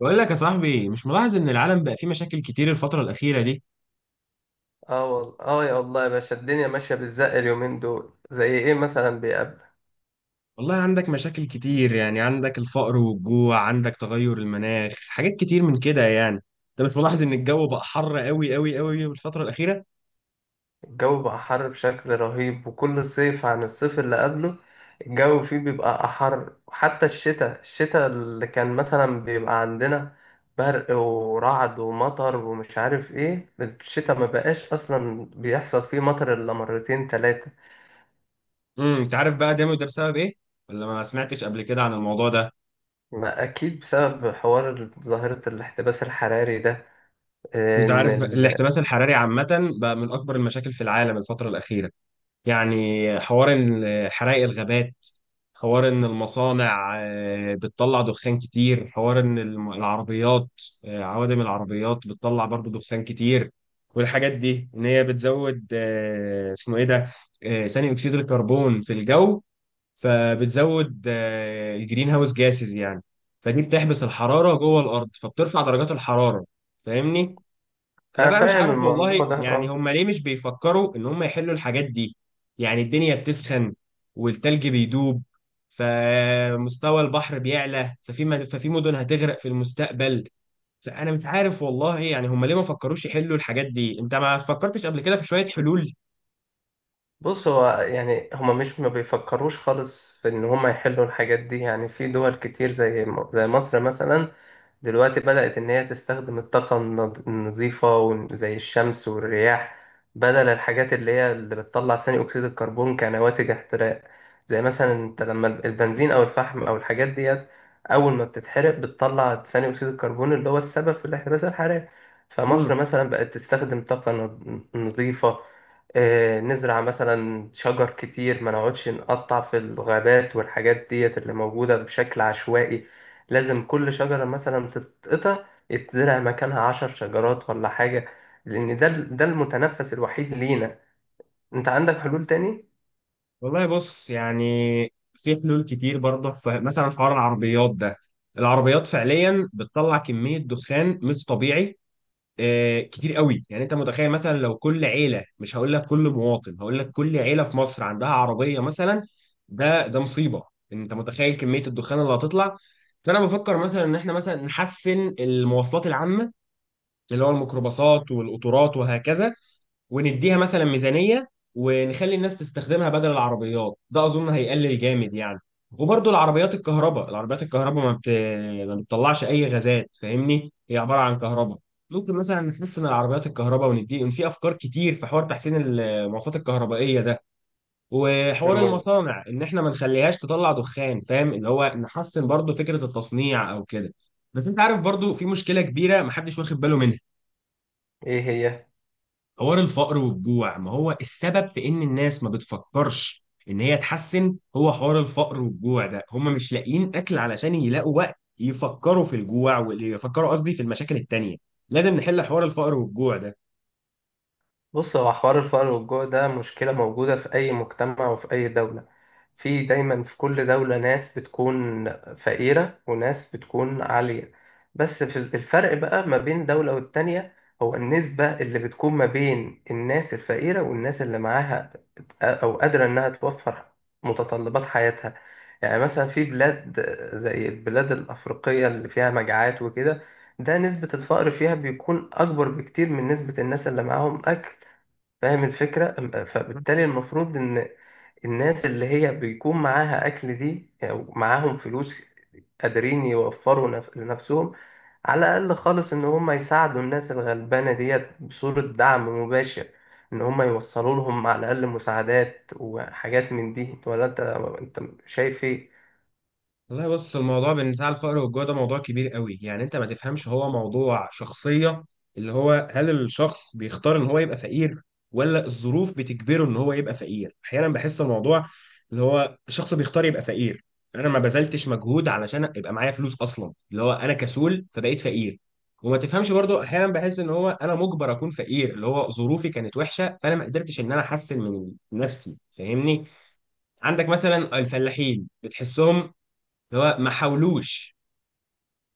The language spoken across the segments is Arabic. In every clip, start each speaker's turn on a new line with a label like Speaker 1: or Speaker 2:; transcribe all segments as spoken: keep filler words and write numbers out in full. Speaker 1: بقول لك يا صاحبي، مش ملاحظ ان العالم بقى فيه مشاكل كتير الفترة الأخيرة دي؟
Speaker 2: اه والله اه، يا الله يا باشا، الدنيا ماشية بالزق اليومين دول. زي ايه مثلا بيقابل
Speaker 1: والله عندك مشاكل كتير، يعني عندك الفقر والجوع، عندك تغير المناخ، حاجات كتير من كده يعني. انت مش ملاحظ ان الجو بقى حر قوي قوي قوي الفترة الأخيرة؟
Speaker 2: الجو بقى حر بشكل رهيب، وكل صيف عن الصيف اللي قبله الجو فيه بيبقى أحر. وحتى الشتاء الشتاء اللي كان مثلا بيبقى عندنا برق ورعد ومطر ومش عارف ايه، الشتاء ما بقاش اصلا بيحصل فيه مطر الا مرتين تلاتة.
Speaker 1: امم انت عارف بقى ده ده بسبب ايه؟ ولا ما سمعتش قبل كده عن الموضوع ده؟
Speaker 2: ما اكيد بسبب حوار ظاهرة الاحتباس الحراري ده. آه،
Speaker 1: انت
Speaker 2: ان
Speaker 1: عارف بقى
Speaker 2: ال...
Speaker 1: الاحتباس الحراري عامة بقى من اكبر المشاكل في العالم الفترة الأخيرة. يعني حوار إن حرائق الغابات، حوار ان المصانع آه، بتطلع دخان كتير، حوار ان الم- العربيات، آه، عوادم العربيات بتطلع برضو دخان كتير. والحاجات دي ان هي بتزود آه، اسمه ايه ده، آه، ثاني اكسيد الكربون في الجو. فبتزود آه، الجرين هاوس جاسز يعني، فدي بتحبس الحرارة جوه الارض، فبترفع درجات الحرارة. فاهمني؟ انا
Speaker 2: انا
Speaker 1: بقى مش
Speaker 2: فاهم
Speaker 1: عارف والله،
Speaker 2: الموضوع ده
Speaker 1: يعني
Speaker 2: اه.
Speaker 1: هم ليه مش بيفكروا ان هم يحلوا الحاجات دي؟ يعني الدنيا بتسخن والتلج بيدوب، فمستوى البحر بيعلى، ففي مد- ففي مدن هتغرق في المستقبل. فانا مش عارف والله، يعني هم ليه ما فكروش يحلوا الحاجات دي؟ انت ما فكرتش قبل كده في شوية حلول؟
Speaker 2: بص، هو يعني هما مش ما بيفكروش خالص في ان هما يحلوا الحاجات دي، يعني في دول كتير زي م- زي مصر مثلا دلوقتي بدأت ان هي تستخدم الطاقة النض- النظيفة، ون- زي الشمس والرياح، بدل الحاجات اللي هي اللي بتطلع ثاني اكسيد الكربون كنواتج احتراق. زي مثلا انت لما البنزين او الفحم او الحاجات ديت اول ما بتتحرق بتطلع ثاني اكسيد الكربون اللي هو السبب في الاحتباس الحراري. فمصر
Speaker 1: مم.
Speaker 2: مثلا بقت تستخدم طاقة نض- نظيفة. آه، نزرع مثلا شجر كتير، ما نقعدش نقطع في الغابات والحاجات ديت اللي موجودة بشكل عشوائي. لازم كل شجرة مثلا تتقطع، يتزرع مكانها عشر شجرات ولا حاجة، لأن ده ده المتنفس الوحيد لينا. أنت عندك حلول تاني؟
Speaker 1: والله بص، يعني في حلول كتير برضه. فمثلا حوار العربيات ده، العربيات فعليا بتطلع كمية دخان مش طبيعي، آه، كتير قوي. يعني انت متخيل مثلا لو كل عيله، مش هقول لك كل مواطن، هقول لك كل عيله في مصر عندها عربيه مثلا؟ ده ده مصيبه. انت متخيل كميه الدخان اللي هتطلع؟ فانا بفكر مثلا ان احنا مثلا نحسن المواصلات العامه، اللي هو الميكروباصات والقطارات وهكذا، ونديها مثلا ميزانية، ونخلي الناس تستخدمها بدل العربيات. ده أظن هيقلل جامد يعني. وبرضه العربيات الكهرباء، العربيات الكهرباء ما بت... ما بتطلعش أي غازات. فاهمني؟ هي عبارة عن كهرباء. ممكن مثلا نحسن العربيات الكهرباء وندي، إن في أفكار كتير في حوار تحسين المواصلات الكهربائية ده. وحوار
Speaker 2: مم.
Speaker 1: المصانع إن إحنا ما نخليهاش تطلع دخان، فاهم؟ اللي هو نحسن برضه فكرة التصنيع أو كده. بس أنت عارف برضه في مشكلة كبيرة محدش واخد باله منها.
Speaker 2: إيه هي؟
Speaker 1: حوار الفقر والجوع، ما هو السبب في ان الناس ما بتفكرش ان هي تحسن هو حوار الفقر والجوع ده. هم مش لاقيين اكل علشان يلاقوا وقت يفكروا في الجوع، ويفكروا قصدي في المشاكل التانية. لازم نحل حوار الفقر والجوع ده.
Speaker 2: بص، هو حوار الفقر والجوع ده مشكلة موجودة في أي مجتمع وفي أي دولة. في دايما في كل دولة ناس بتكون فقيرة وناس بتكون عالية، بس في الفرق بقى ما بين دولة والتانية هو النسبة اللي بتكون ما بين الناس الفقيرة والناس اللي معاها أو قادرة إنها توفر متطلبات حياتها. يعني مثلا في بلاد زي البلاد الأفريقية اللي فيها مجاعات وكده، ده نسبة الفقر فيها بيكون أكبر بكتير من نسبة الناس اللي معاهم أكل. فاهم الفكرة؟ أم- فبالتالي المفروض إن الناس اللي هي بيكون معاها أكل دي أو معاهم فلوس قادرين يوفروا نف- لنفسهم على الأقل خالص، إن هم يساعدوا الناس الغلبانة ديت بصورة دعم مباشر، إن هم يوصلوا لهم على الأقل مساعدات وحاجات من دي. ولا أنت أنت شايف إيه؟
Speaker 1: والله بص، الموضوع بين بتاع الفقر والجوع ده موضوع كبير قوي. يعني انت ما تفهمش، هو موضوع شخصية، اللي هو هل الشخص بيختار ان هو يبقى فقير ولا الظروف بتجبره ان هو يبقى فقير. احيانا بحس الموضوع اللي هو الشخص بيختار يبقى فقير، انا ما بذلتش مجهود علشان يبقى معايا فلوس اصلا، اللي هو انا كسول فبقيت فقير. وما تفهمش برضو احيانا بحس ان هو انا مجبر اكون فقير، اللي هو ظروفي كانت وحشة فانا ما قدرتش ان انا احسن من نفسي. فاهمني؟ عندك مثلا الفلاحين بتحسهم اللي هو ما حاولوش،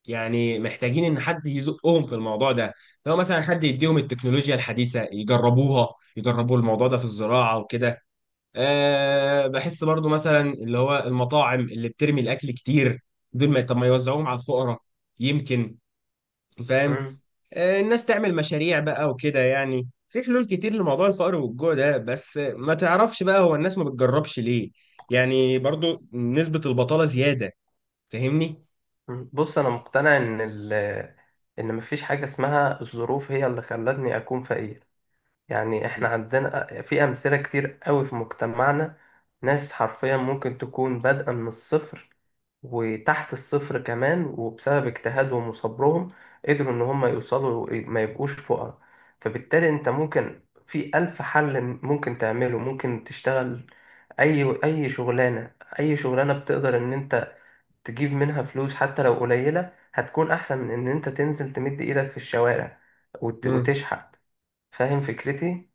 Speaker 1: يعني محتاجين ان حد يزقهم في الموضوع ده. لو مثلا حد يديهم التكنولوجيا الحديثه يجربوها، يجربوا الموضوع ده في الزراعه وكده. أه، بحس برضو مثلا اللي هو المطاعم اللي بترمي الاكل كتير، دول ما طب ما يوزعوهم على الفقراء يمكن، فاهم؟
Speaker 2: مم.
Speaker 1: أه، الناس تعمل مشاريع بقى وكده. يعني في حلول كتير لموضوع الفقر والجوع ده، بس ما تعرفش بقى هو الناس ما بتجربش ليه. يعني برضو نسبة البطالة زيادة، فاهمني؟
Speaker 2: مم. بص، أنا مقتنع إن ال إن مفيش حاجة اسمها الظروف هي اللي خلتني أكون فقير. يعني احنا عندنا في أمثلة كتير قوي في مجتمعنا، ناس حرفيا ممكن تكون بادئة من الصفر وتحت الصفر كمان، وبسبب اجتهادهم وصبرهم قدروا إن هم يوصلوا إيه، ما يبقوش فقراء. فبالتالي أنت ممكن في ألف حل ممكن تعمله، ممكن تشتغل أي أي شغلانة، أي شغلانة بتقدر إن أنت تجيب منها فلوس حتى لو قليلة هتكون أحسن من إن أنت تنزل تمد إيدك في الشوارع وت-
Speaker 1: مم.
Speaker 2: وتشحت. فاهم فكرتي؟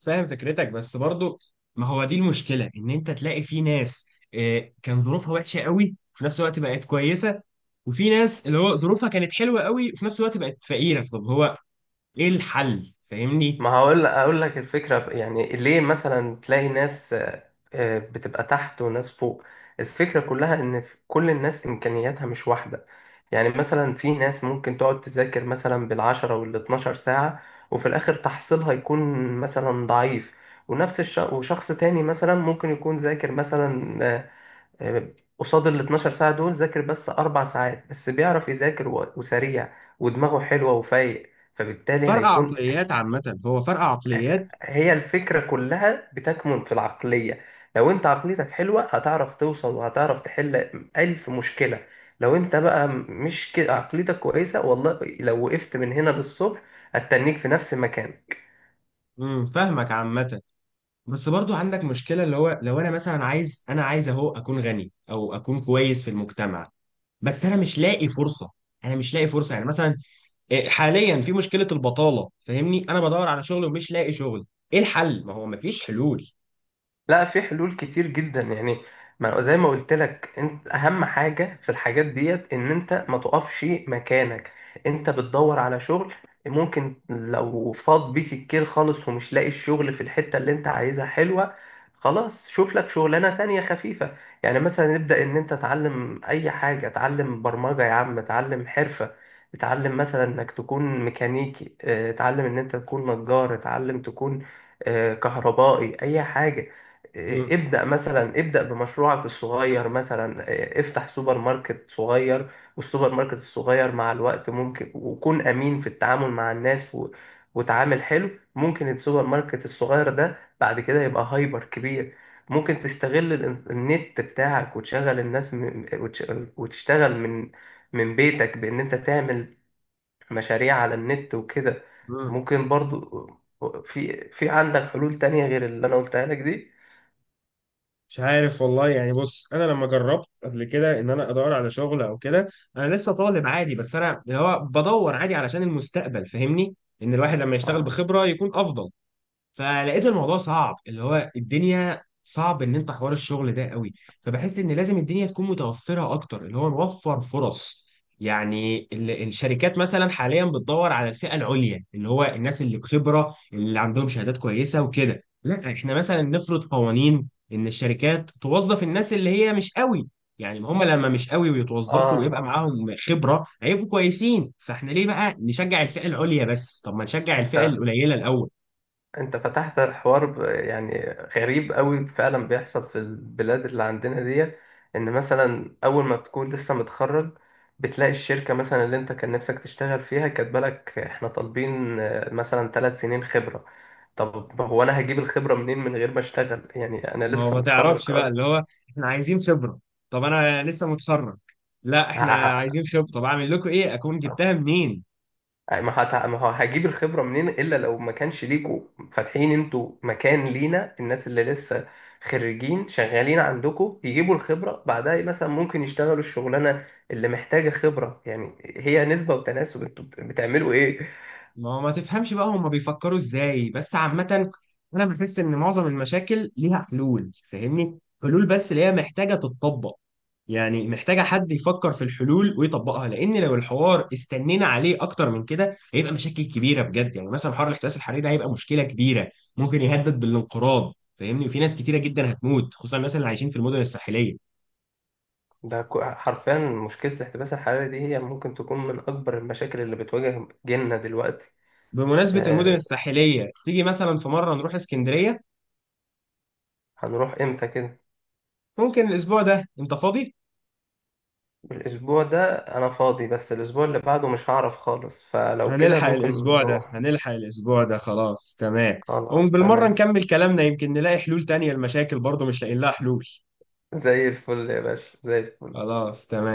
Speaker 1: فاهم فكرتك بس برضو ما هو دي المشكلة ان انت تلاقي في ناس آه، كان ظروفها وحشة قوي وفي نفس الوقت بقت كويسة وفي ناس اللي هو ظروفها كانت حلوة قوي وفي نفس الوقت بقت فقيرة طب هو ايه الحل فاهمني
Speaker 2: ما هقول اقول لك الفكره، يعني ليه مثلا تلاقي ناس آه، آه، بتبقى تحت وناس فوق. الفكره كلها ان في- كل الناس امكانياتها مش واحده. يعني مثلا في ناس ممكن تقعد تذاكر مثلا بالعشرة وال12 ساعه، وفي الاخر تحصيلها يكون مثلا ضعيف. ونفس الش... وشخص تاني مثلا ممكن يكون ذاكر مثلا آه، آه، قصاد ال اثنا عشر ساعه دول، ذاكر بس اربع ساعات بس بيعرف يذاكر و- وسريع، ودماغه حلوه وفايق. فبالتالي
Speaker 1: فرق
Speaker 2: هيكون
Speaker 1: عقليات عامة هو فرق عقليات
Speaker 2: هي الفكرة كلها بتكمن في العقلية. لو انت عقليتك حلوة هتعرف توصل، وهتعرف تحل ألف مشكلة. لو انت بقى مش كده عقليتك كويسة، والله لو وقفت من هنا للصبح هتتنيك في نفس المكان.
Speaker 1: امم فاهمك عامة بس برضو عندك مشكلة اللي هو لو انا مثلا عايز انا عايز اهو اكون غني او اكون كويس في المجتمع بس انا مش لاقي فرصة انا مش لاقي فرصة يعني مثلا إيه، حاليا في مشكله البطاله فاهمني انا بدور على شغل ومش لاقي شغل ايه الحل ما هو مفيش حلول
Speaker 2: لا، في حلول كتير جدا يعني. ما زي ما قلت لك، انت اهم حاجه في الحاجات ديت ان انت ما تقفش مكانك. انت بتدور على شغل، ممكن لو فاض بيك الكيل خالص ومش لاقي الشغل في الحته اللي انت عايزها حلوه، خلاص شوف لك شغلانه تانية خفيفه. يعني مثلا نبدا ان انت تعلم اي حاجه، تعلم برمجه يا عم، تعلم حرفه، تعلم مثلا انك تكون ميكانيكي، اه، تعلم ان انت تكون نجار، تعلم تكون اه، كهربائي، اي حاجه. إيه،
Speaker 1: مم.
Speaker 2: ابدأ مثلا، ابدأ بمشروعك الصغير، مثلا إيه، افتح سوبر ماركت صغير. والسوبر ماركت الصغير مع الوقت ممكن، وكون أمين في التعامل مع الناس و... وتعامل حلو، ممكن السوبر ماركت الصغير ده بعد كده يبقى هايبر كبير. ممكن تستغل الإن- النت بتاعك وتشغل الناس من... وتش... وتشتغل من من بيتك بإن أنت تعمل مشاريع على النت وكده.
Speaker 1: مم.
Speaker 2: ممكن برضو، آه، في في عندك حلول تانية غير اللي أنا قلتها لك دي؟
Speaker 1: مش عارف والله، يعني بص، انا لما جربت قبل كده ان انا ادور على شغل او كده، انا لسه طالب عادي بس انا اللي هو بدور عادي علشان المستقبل، فاهمني؟ ان الواحد لما يشتغل
Speaker 2: آه،
Speaker 1: بخبرة يكون افضل. فلقيت الموضوع صعب، اللي هو الدنيا صعب ان انت حوار الشغل ده قوي. فبحس ان لازم الدنيا تكون متوفره اكتر، اللي هو نوفر فرص. يعني ال- الشركات مثلا حاليا بتدور على الفئه العليا، اللي هو الناس اللي بخبره اللي عندهم شهادات كويسه وكده. لا، احنا مثلا نفرض قوانين ان الشركات توظف الناس اللي هي مش قوي. يعني هم لما مش قوي ويتوظفوا
Speaker 2: اه
Speaker 1: ويبقى معاهم خبره، هيبقوا كويسين. فاحنا ليه بقى نشجع الفئه العليا بس؟ طب ما نشجع الفئه
Speaker 2: انت
Speaker 1: القليله الاول.
Speaker 2: انت فتحت الحوار ب- يعني غريب قوي فعلا بيحصل في البلاد اللي عندنا دي. ان مثلا اول ما بتكون لسه متخرج، بتلاقي الشركة مثلا اللي انت كان نفسك تشتغل فيها كاتبه لك احنا طالبين آه، مثلا ثلاث سنين خبرة. طب هو انا هجيب الخبرة منين من غير ما اشتغل؟ يعني انا
Speaker 1: ما هو
Speaker 2: لسه
Speaker 1: ما
Speaker 2: متخرج
Speaker 1: تعرفش بقى،
Speaker 2: اه.
Speaker 1: اللي هو احنا عايزين خبرة، طب انا لسه متخرج، لا احنا عايزين خبرة، طب اعمل لكم ايه؟ اكون
Speaker 2: ه-
Speaker 1: جبتها منين؟
Speaker 2: ما هت- ما هو هجيب الخبرة منين، إلا لو ما كانش ليكوا فاتحين انتوا مكان لينا الناس اللي لسه خريجين شغالين عندكوا يجيبوا الخبرة بعدها، مثلا ممكن يشتغلوا الشغلانة اللي محتاجة خبرة، يعني هي نسبة وتناسب. انتوا بت- بتعملوا ايه؟
Speaker 1: ما هو ما تفهمش بقى هما بيفكروا ازاي. بس عامة انا بحس ان معظم المشاكل ليها حلول، فاهمني؟ حلول بس اللي هي محتاجة تتطبق. يعني محتاجة حد يفكر في الحلول ويطبقها، لان لو الحوار استنينا عليه اكتر من كده هيبقى مشاكل كبيرة بجد. يعني مثلا حوار الاحتباس الحراري ده هيبقى مشكلة كبيرة، ممكن يهدد بالانقراض، فاهمني؟ وفي ناس كتيرة جدا هتموت، خصوصا الناس اللي عايشين في المدن الساحلية.
Speaker 2: ده ك- حرفيا مشكلة الاحتباس الحراري دي هي ممكن تكون من أكبر المشاكل اللي بتواجه جيلنا دلوقتي.
Speaker 1: بمناسبة المدن
Speaker 2: آه،
Speaker 1: الساحلية، تيجي مثلا في مرة نروح اسكندرية؟
Speaker 2: هنروح امتى كده؟
Speaker 1: ممكن الاسبوع ده، انت فاضي؟
Speaker 2: الأسبوع ده أنا فاضي، بس الأسبوع اللي بعده مش هعرف خالص، فلو كده
Speaker 1: هنلحق
Speaker 2: ممكن
Speaker 1: الأسبوع ده،
Speaker 2: نروح.
Speaker 1: هنلحق الأسبوع ده، خلاص تمام.
Speaker 2: خلاص
Speaker 1: وبالمرة
Speaker 2: تمام.
Speaker 1: نكمل كلامنا، يمكن نلاقي حلول تانية لمشاكل برضه مش لاقيين لها حلول.
Speaker 2: زي الفل يا باشا، زي الفل.
Speaker 1: خلاص تمام.